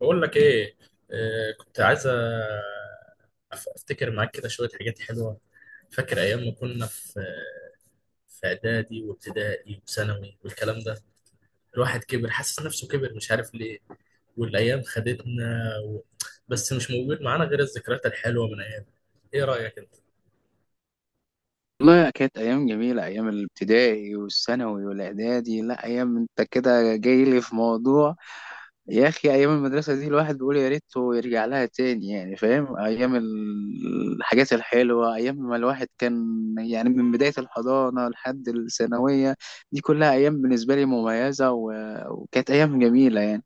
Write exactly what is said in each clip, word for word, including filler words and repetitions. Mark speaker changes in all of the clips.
Speaker 1: بقول لك ايه. آه، كنت عايز أف- افتكر معاك كده شويه حاجات حلوه. فاكر ايام ما كنا في في اعدادي وابتدائي وثانوي والكلام ده. الواحد كبر، حاسس نفسه كبر مش عارف ليه، والايام خدتنا و... بس مش موجود معانا غير الذكريات الحلوه من ايام. ايه رايك انت؟
Speaker 2: والله كانت أيام جميلة، أيام الابتدائي والثانوي والإعدادي. لا أيام، أنت كده جاي لي في موضوع. يا أخي أيام المدرسة دي الواحد بيقول يا ريته يرجع لها تاني، يعني فاهم، أيام ال- الحاجات الحلوة، أيام ما الواحد كان يعني من بداية الحضانة لحد الثانوية. دي كلها أيام بالنسبة لي مميزة، و- وكانت أيام جميلة يعني.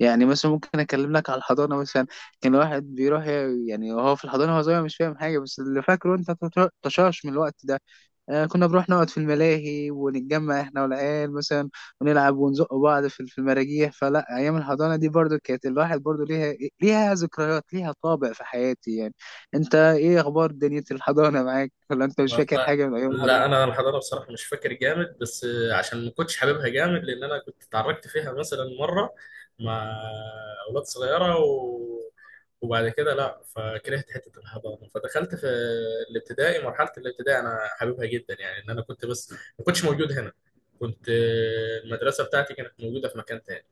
Speaker 2: يعني مثلا ممكن أكلم لك على الحضانة مثلا. كان الواحد بيروح يعني وهو في الحضانة، هو صغير مش فاهم حاجة، بس اللي فاكره أنت تشاش من الوقت ده. آه، كنا بنروح نقعد في الملاهي ونتجمع احنا والعيال مثلا، ونلعب ونزق بعض في في المراجيح. فلا ايام الحضانه دي برضو كانت الواحد برضو ليها، ليها ذكريات، ليها طابع في حياتي يعني. انت ايه اخبار دنيا الحضانه معاك؟ ولا انت مش فاكر
Speaker 1: والله،
Speaker 2: حاجه من ايام الحضانه؟
Speaker 1: لا انا الحضاره بصراحه مش فاكر جامد، بس عشان ما كنتش حاببها جامد، لان انا كنت اتعرضت فيها مثلا مره، مع اولاد صغيره و... وبعد كده لا فكرهت حته الحضانه، فدخلت في الابتدائي. مرحله الابتدائي انا حاببها جدا، يعني ان انا كنت، بس ما كنتش موجود هنا. كنت المدرسه بتاعتي كانت موجوده في مكان تاني،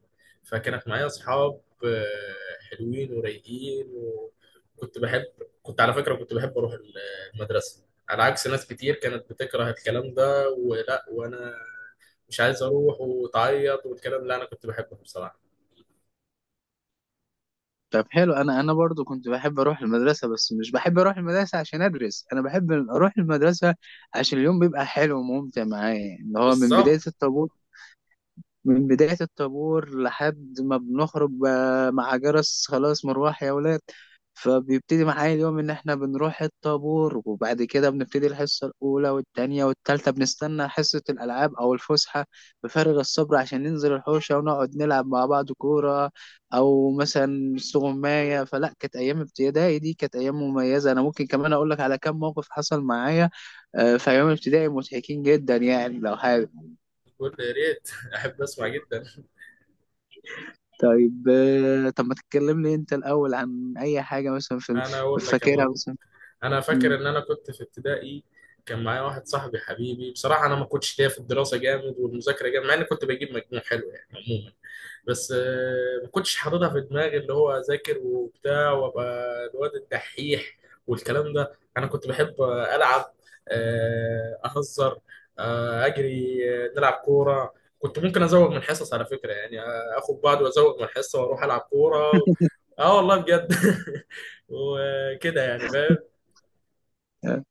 Speaker 1: فكانت معايا اصحاب آه، حلوين ورايقين. وكنت بحب كنت على فكره كنت بحب اروح المدرسه، على عكس ناس كتير كانت بتكره الكلام ده، ولا وانا مش عايز اروح وتعيط والكلام ده. انا كنت بحبه بصراحه.
Speaker 2: طب حلو، انا انا برضو كنت بحب اروح المدرسه، بس مش بحب اروح المدرسه عشان ادرس، انا بحب اروح المدرسه عشان اليوم بيبقى حلو وممتع معايا، اللي هو من بدايه
Speaker 1: بالظبط.
Speaker 2: الطابور من بداية الطابور لحد ما بنخرج ب- مع جرس خلاص مروح يا ولاد. فبيبتدي معايا اليوم إن إحنا بنروح الطابور، وبعد كده بنبتدي الحصة الأولى والتانية والتالتة، بنستنى حصة الألعاب أو الفسحة بفارغ الصبر عشان ننزل الحوشة ونقعد نلعب مع بعض كورة أو مثلا استغماية. فلا كانت أيام ابتدائي دي كانت أيام مميزة. أنا ممكن كمان أقول لك على كم موقف حصل معايا آه، في أيام ابتدائي مضحكين جدا يعني، لو حابب.
Speaker 1: بقول يا ريت احب اسمع جدا.
Speaker 2: طيب آه، طب ما تكلمني انت الاول عن اي حاجه مثلا في ال-
Speaker 1: انا اقول لك يا
Speaker 2: فاكرها
Speaker 1: معلم،
Speaker 2: مثلا.
Speaker 1: انا فاكر
Speaker 2: مم.
Speaker 1: ان انا كنت في ابتدائي كان معايا واحد صاحبي حبيبي. بصراحه انا ما كنتش ليا في الدراسه جامد والمذاكره جامد، مع اني كنت بجيب مجموع حلو يعني عموما. بس آه، ما كنتش حاططها في دماغي اللي هو اذاكر وبتاع وابقى الواد الدحيح والكلام ده. انا كنت بحب آه، العب، آه، اهزر، آه، اجري، آه، نلعب كوره. كنت ممكن ازوغ من الحصص على فكره، يعني آه، اخد بعض وازوغ من الحصه واروح العب كوره و... اه والله بجد. وكده يعني فاهم.
Speaker 2: آه،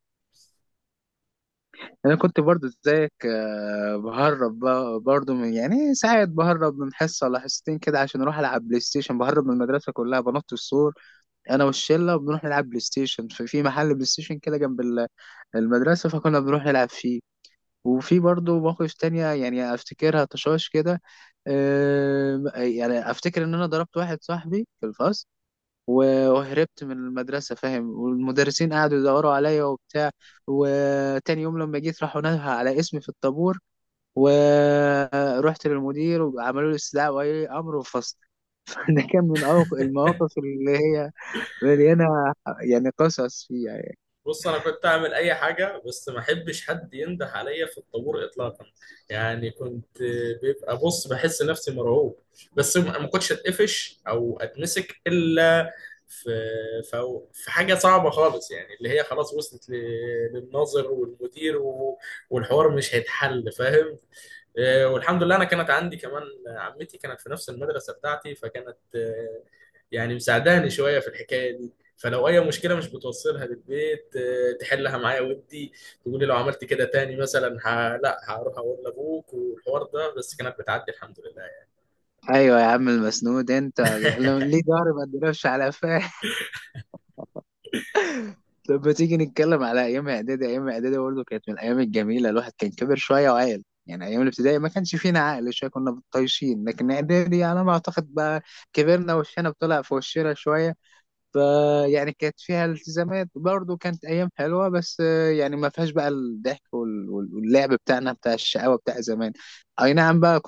Speaker 2: انا كنت برضو زيك، آه، بهرب ب- برضو من يعني ساعات، بهرب من حصه ولا حصتين كده عشان اروح العب بلاي ستيشن، بهرب من المدرسه كلها، بنط السور انا والشله وبنروح نلعب بلاي ستيشن في في محل بلاي ستيشن كده جنب ال- المدرسه، فكنا بنروح نلعب فيه. وفي برضو مواقف تانية يعني افتكرها طشاش كده. آه، يعني افتكر ان انا ضربت واحد صاحبي في الفصل، و- وهربت من المدرسة، فاهم، والمدرسين قعدوا يدوروا عليا وبتاع. وتاني يوم لما جيت، راحوا نده على اسمي في الطابور، ورحت للمدير وعملوا لي استدعاء ولي أمر وفصل. ده كان من أوق- المواقف اللي هي مليانة يعني قصص فيها يعني.
Speaker 1: بص، انا كنت اعمل اي حاجه بس ما احبش حد ينده عليا في الطابور اطلاقا. يعني كنت بيبقى بص بحس نفسي مرعوب. بس ما ما كنتش اتقفش او اتمسك، الا في في في حاجه صعبه خالص، يعني اللي هي خلاص وصلت ل- للناظر والمدير و- والحوار مش هيتحل فاهم. آه، والحمد لله انا كانت عندي كمان آه، عمتي، كانت في نفس المدرسه بتاعتي، فكانت آه، يعني مساعداني شويه في الحكايه دي. فلو اي مشكله مش بتوصلها للبيت، آه، تحلها معايا، ودي تقول لي لو عملت كده تاني مثلا، ه... لا هروح اقول لابوك والحوار ده، بس كانت بتعدي الحمد لله.
Speaker 2: أيوة يا عم المسنود أنت، يعني
Speaker 1: يعني
Speaker 2: ليه ضهري ما اتضربش على، فاهم. طب ما تيجي نتكلم على ايام اعدادي. ايام اعدادي برضه كانت من الايام الجميله، الواحد كان كبر شويه وعاقل. يعني ايام الابتدائي ما كانش فينا عقل شويه، كنا طايشين، لكن اعدادي على ما اعتقد بقى كبرنا وشنا بطلع في وشنا شويه. فيعني كانت فيها التزامات، برضه كانت ايام حلوه، بس آه، يعني ما فيهاش بقى الضحك وال- وال- واللعب بتاعنا بتاع الشقاوه بتاع زمان. اي نعم بقى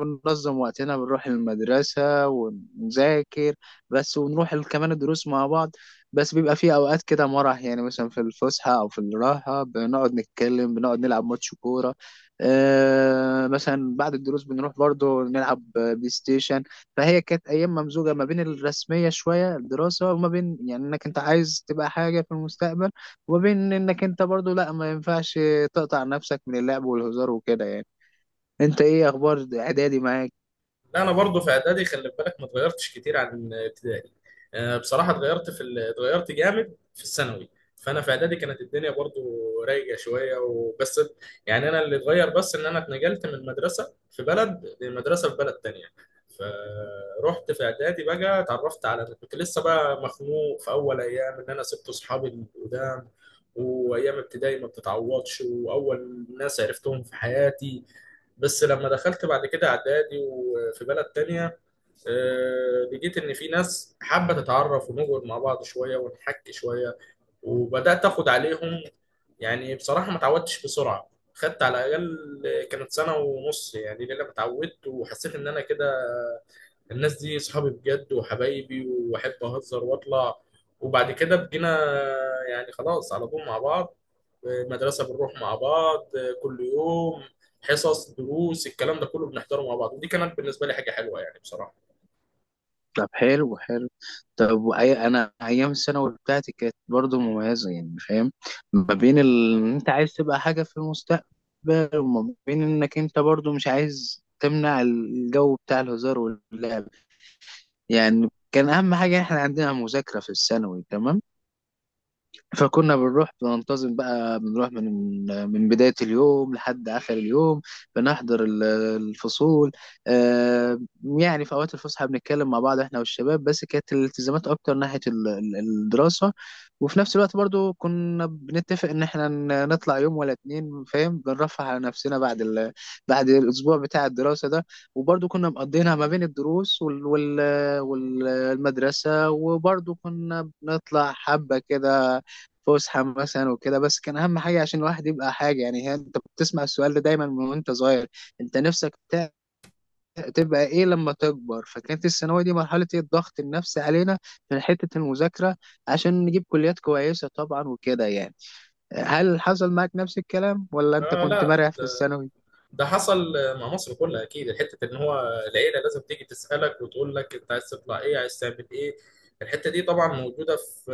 Speaker 2: ننظم وقتنا، بنروح المدرسة ونذاكر بس، ونروح ال- كمان الدروس مع بعض. بس بيبقى في أوقات كده مرح يعني، مثلا في الفسحة أو في الراحة بنقعد نتكلم، بنقعد نلعب ماتش كورة. آه مثلا بعد الدروس بنروح برضو نلعب بلاي ستيشن. فهي كانت أيام ممزوجة ما بين الرسمية شوية، الدراسة، وما بين يعني إنك أنت عايز تبقى حاجة في المستقبل، وما بين إنك أنت برضو لأ ما ينفعش تقطع نفسك من اللعب والهزار وكده يعني. أنت إيه أخبار إعدادي معاك؟
Speaker 1: لا انا برضو في اعدادي خلي بالك ما اتغيرتش كتير عن ابتدائي. آه، بصراحه اتغيرت في ال- اتغيرت جامد في الثانوي. فانا في اعدادي كانت الدنيا برضو رايقه شويه وبس. يعني انا اللي اتغير بس ان انا اتنقلت من مدرسه في بلد لمدرسه في بلد تانية. فروحت في اعدادي بقى اتعرفت على، كنت لسه بقى مخنوق في اول ايام ان انا سبت اصحابي القدام، وايام ابتدائي ما بتتعوضش، واول ناس عرفتهم في حياتي. بس لما دخلت بعد كده اعدادي وفي بلد تانية، آه، لقيت ان في ناس حابة تتعرف ونقعد مع بعض شوية ونحكي شوية، وبدأت اخد عليهم. يعني بصراحة ما تعودتش بسرعة، خدت على الأقل كانت سنة ونص، يعني لأن أنا اتعودت وحسيت إن أنا كده الناس دي اصحابي بجد وحبايبي واحب اهزر واطلع. وبعد كده بقينا يعني خلاص على طول مع بعض. مدرسة بنروح مع بعض كل يوم، حصص دروس الكلام ده كله بنحضره مع بعض. ودي كانت بالنسبة لي حاجة حلوة يعني بصراحة.
Speaker 2: طب حلو حلو. طب وأي- انا ايام الثانوي بتاعتي كانت برضو مميزه، يعني فاهم، ما بين ال... إن انت عايز تبقى حاجه في المستقبل، وما بين انك انت برضو مش عايز تمنع الجو بتاع الهزار واللعب. يعني كان اهم حاجه احنا عندنا مذاكره في الثانوي، تمام، فكنا بنروح بننتظم بقى، بنروح من من بداية اليوم لحد آخر اليوم، بنحضر ال- الفصول. آه، يعني في أوقات الفسحة بنتكلم مع بعض إحنا والشباب، بس كانت الالتزامات أكتر ناحية ال- ال- الدراسة. وفي نفس الوقت برضو كنا بنتفق إن إحنا ن- نطلع يوم ولا اتنين، فاهم، بنرفه على نفسنا بعد ال... بعد الأسبوع بتاع الدراسة ده. وبرضو كنا مقضينها ما بين الدروس وال... وال... والمدرسة، وبرضو كنا بنطلع حبة كده فسحه مثلا وكده. بس كان اهم حاجه عشان الواحد يبقى حاجه، يعني هي انت بتسمع السؤال ده دايما من وانت صغير، انت نفسك ت- تبقى ايه لما تكبر؟ فكانت الثانويه دي مرحله إيه؟ الضغط النفسي علينا من حته المذاكره عشان نجيب كليات كويسه طبعا، وكده يعني. هل حصل معاك نفس الكلام، ولا انت
Speaker 1: آه
Speaker 2: كنت
Speaker 1: لا،
Speaker 2: مرع في الثانوي؟
Speaker 1: ده حصل مع مصر كلها اكيد. الحته ان هو العيله لازم تيجي تسالك وتقول لك انت عايز تطلع ايه، عايز تعمل ايه. الحته دي طبعا موجوده في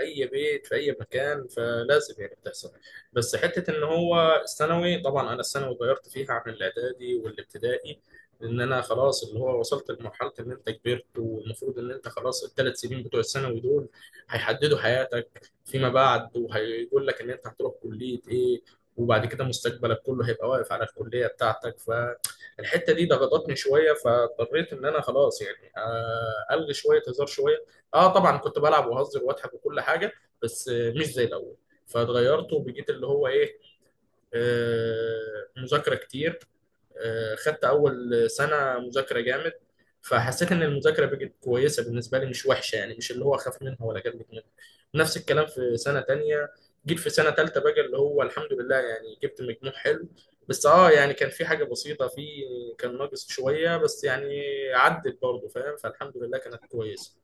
Speaker 1: اي بيت في اي مكان، فلازم يعني بتحصل. بس حته ان هو الثانوي طبعا، انا الثانوي غيرت فيها عن الاعدادي والابتدائي. ان انا خلاص اللي هو وصلت لمرحله ان انت كبرت، والمفروض ان انت خلاص الثلاث سنين بتوع الثانوي دول هيحددوا حياتك فيما بعد، وهيقول لك ان انت هتروح كليه ايه، وبعد كده مستقبلك كله هيبقى واقف على الكلية بتاعتك. فالحتة دي ضغطتني شوية، فاضطريت ان انا خلاص يعني آه، الغي شوية هزار شوية. اه طبعا كنت بلعب وهزر واضحك وكل حاجة، بس آه، مش زي الاول. فاتغيرت وبقيت اللي هو ايه، آه، مذاكرة كتير. آه، خدت اول سنه مذاكره جامد، فحسيت ان المذاكره بقت كويسه بالنسبه لي، مش وحشه، يعني مش اللي هو اخاف منها ولا جنبت منها. نفس الكلام في سنه تانية. جيت في سنه تالتة بقى اللي هو الحمد لله يعني جبت مجموع حلو. بس اه يعني كان في حاجه بسيطه في، كان ناقص شويه بس يعني عدت برضه فاهم، فالحمد لله كانت كويسه.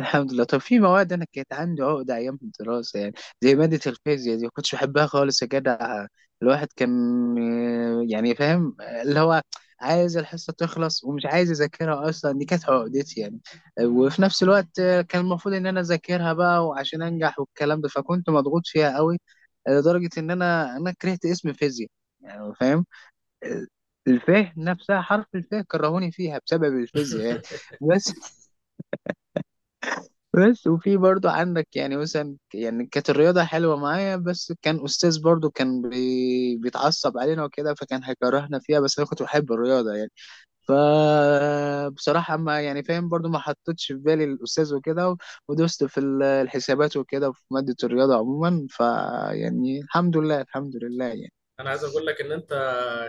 Speaker 2: الحمد لله. طب في مواد انا كانت عندي عقده ايام الدراسه يعني، زي ماده الفيزياء دي ما كنتش بحبها خالص يا جدع. الواحد كان آه، يعني فاهم، آه، اللي هو عايز الحصه تخلص ومش عايز اذاكرها اصلا، دي كانت عقدتي يعني. آه، وفي نفس الوقت آه، كان المفروض ان انا اذاكرها بقى وعشان انجح والكلام ده، فكنت مضغوط فيها قوي. آه، لدرجه ان انا انا كرهت اسم فيزياء، يعني فاهم. آه، الفيه نفسها، حرف الفيه، كرهوني فيها بسبب الفيزياء يعني. بس بس وفي برضو عندك يعني مثلا، يعني كانت الرياضة حلوة معايا، بس كان أستاذ برضو كان بي... بيتعصب علينا وكده، فكان هيكرهنا فيها، بس أنا كنت بحب الرياضة يعني. فبصراحة ما يعني فاهم، برضو ما حطيتش في بالي الأستاذ وكده، و- ودوست في ال- الحسابات وكده في مادة الرياضة عموما، فيعني الحمد لله الحمد لله يعني.
Speaker 1: انا عايز اقول لك ان انت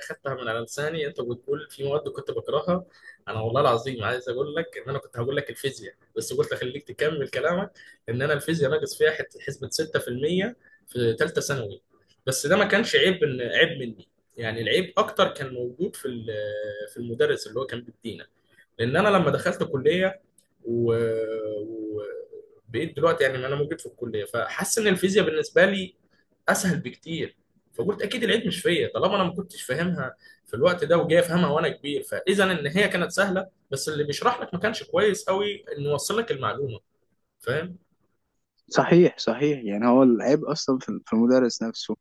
Speaker 1: خدتها من على لساني، انت بتقول في مواد كنت بكرهها. انا والله العظيم عايز اقول لك ان انا كنت هقول لك الفيزياء، بس قلت اخليك تكمل كلامك. ان انا الفيزياء ناقص فيها حت- حسبة ستة في المية في المية في ثالثه ثانوي. بس ده ما كانش عيب إن عيب مني. يعني العيب اكتر كان موجود في ال- في المدرس اللي هو كان بيدينا. لان انا لما دخلت كليه و... و... بقيت دلوقتي يعني انا موجود في الكليه، فحاسس ان الفيزياء بالنسبه لي اسهل بكتير. فقلت اكيد العيب مش فيا، طالما انا ما كنتش فاهمها في الوقت ده، وجاي افهمها وانا كبير، فاذا ان هي كانت سهله. بس اللي بيشرح لك ما كانش كويس قوي انه يوصل لك المعلومه فاهم.
Speaker 2: صحيح صحيح، يعني هو العيب أصلا في في المدرس نفسه.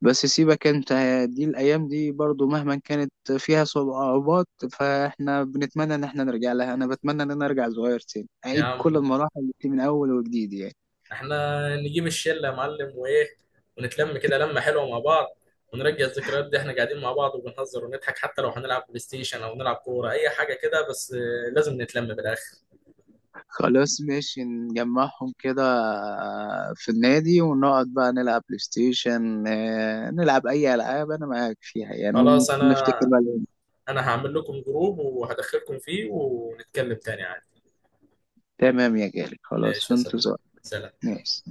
Speaker 2: بس سيبك انت، دي الايام دي برضو مهما كانت فيها صعوبات فاحنا بنتمنى ان احنا نرجع لها. انا بتمنى ان انا ارجع صغير تاني،
Speaker 1: يا
Speaker 2: اعيد كل
Speaker 1: عم
Speaker 2: المراحل دي من اول وجديد يعني.
Speaker 1: احنا نجيب الشله يا معلم، وايه ونتلم كده لمه حلوه مع بعض، ونرجع الذكريات دي احنا قاعدين مع بعض وبنهزر ونضحك، حتى لو هنلعب بلاي ستيشن او نلعب كوره اي حاجه كده، بس آه، لازم نتلم بالاخر.
Speaker 2: خلاص ماشي نجمعهم كده، آه، في النادي ونقعد بقى نلعب بلاي ستيشن، آه، نلعب اي العاب انا معاك فيها يعني.
Speaker 1: خلاص، انا
Speaker 2: ونفتكر بقى الأيام.
Speaker 1: انا هعمل لكم جروب وهدخلكم فيه ونتكلم تاني.
Speaker 2: تمام يا غالي، خلاص
Speaker 1: ماشي
Speaker 2: في
Speaker 1: يا صديقي،
Speaker 2: انتظار.
Speaker 1: سلام.
Speaker 2: ماشي.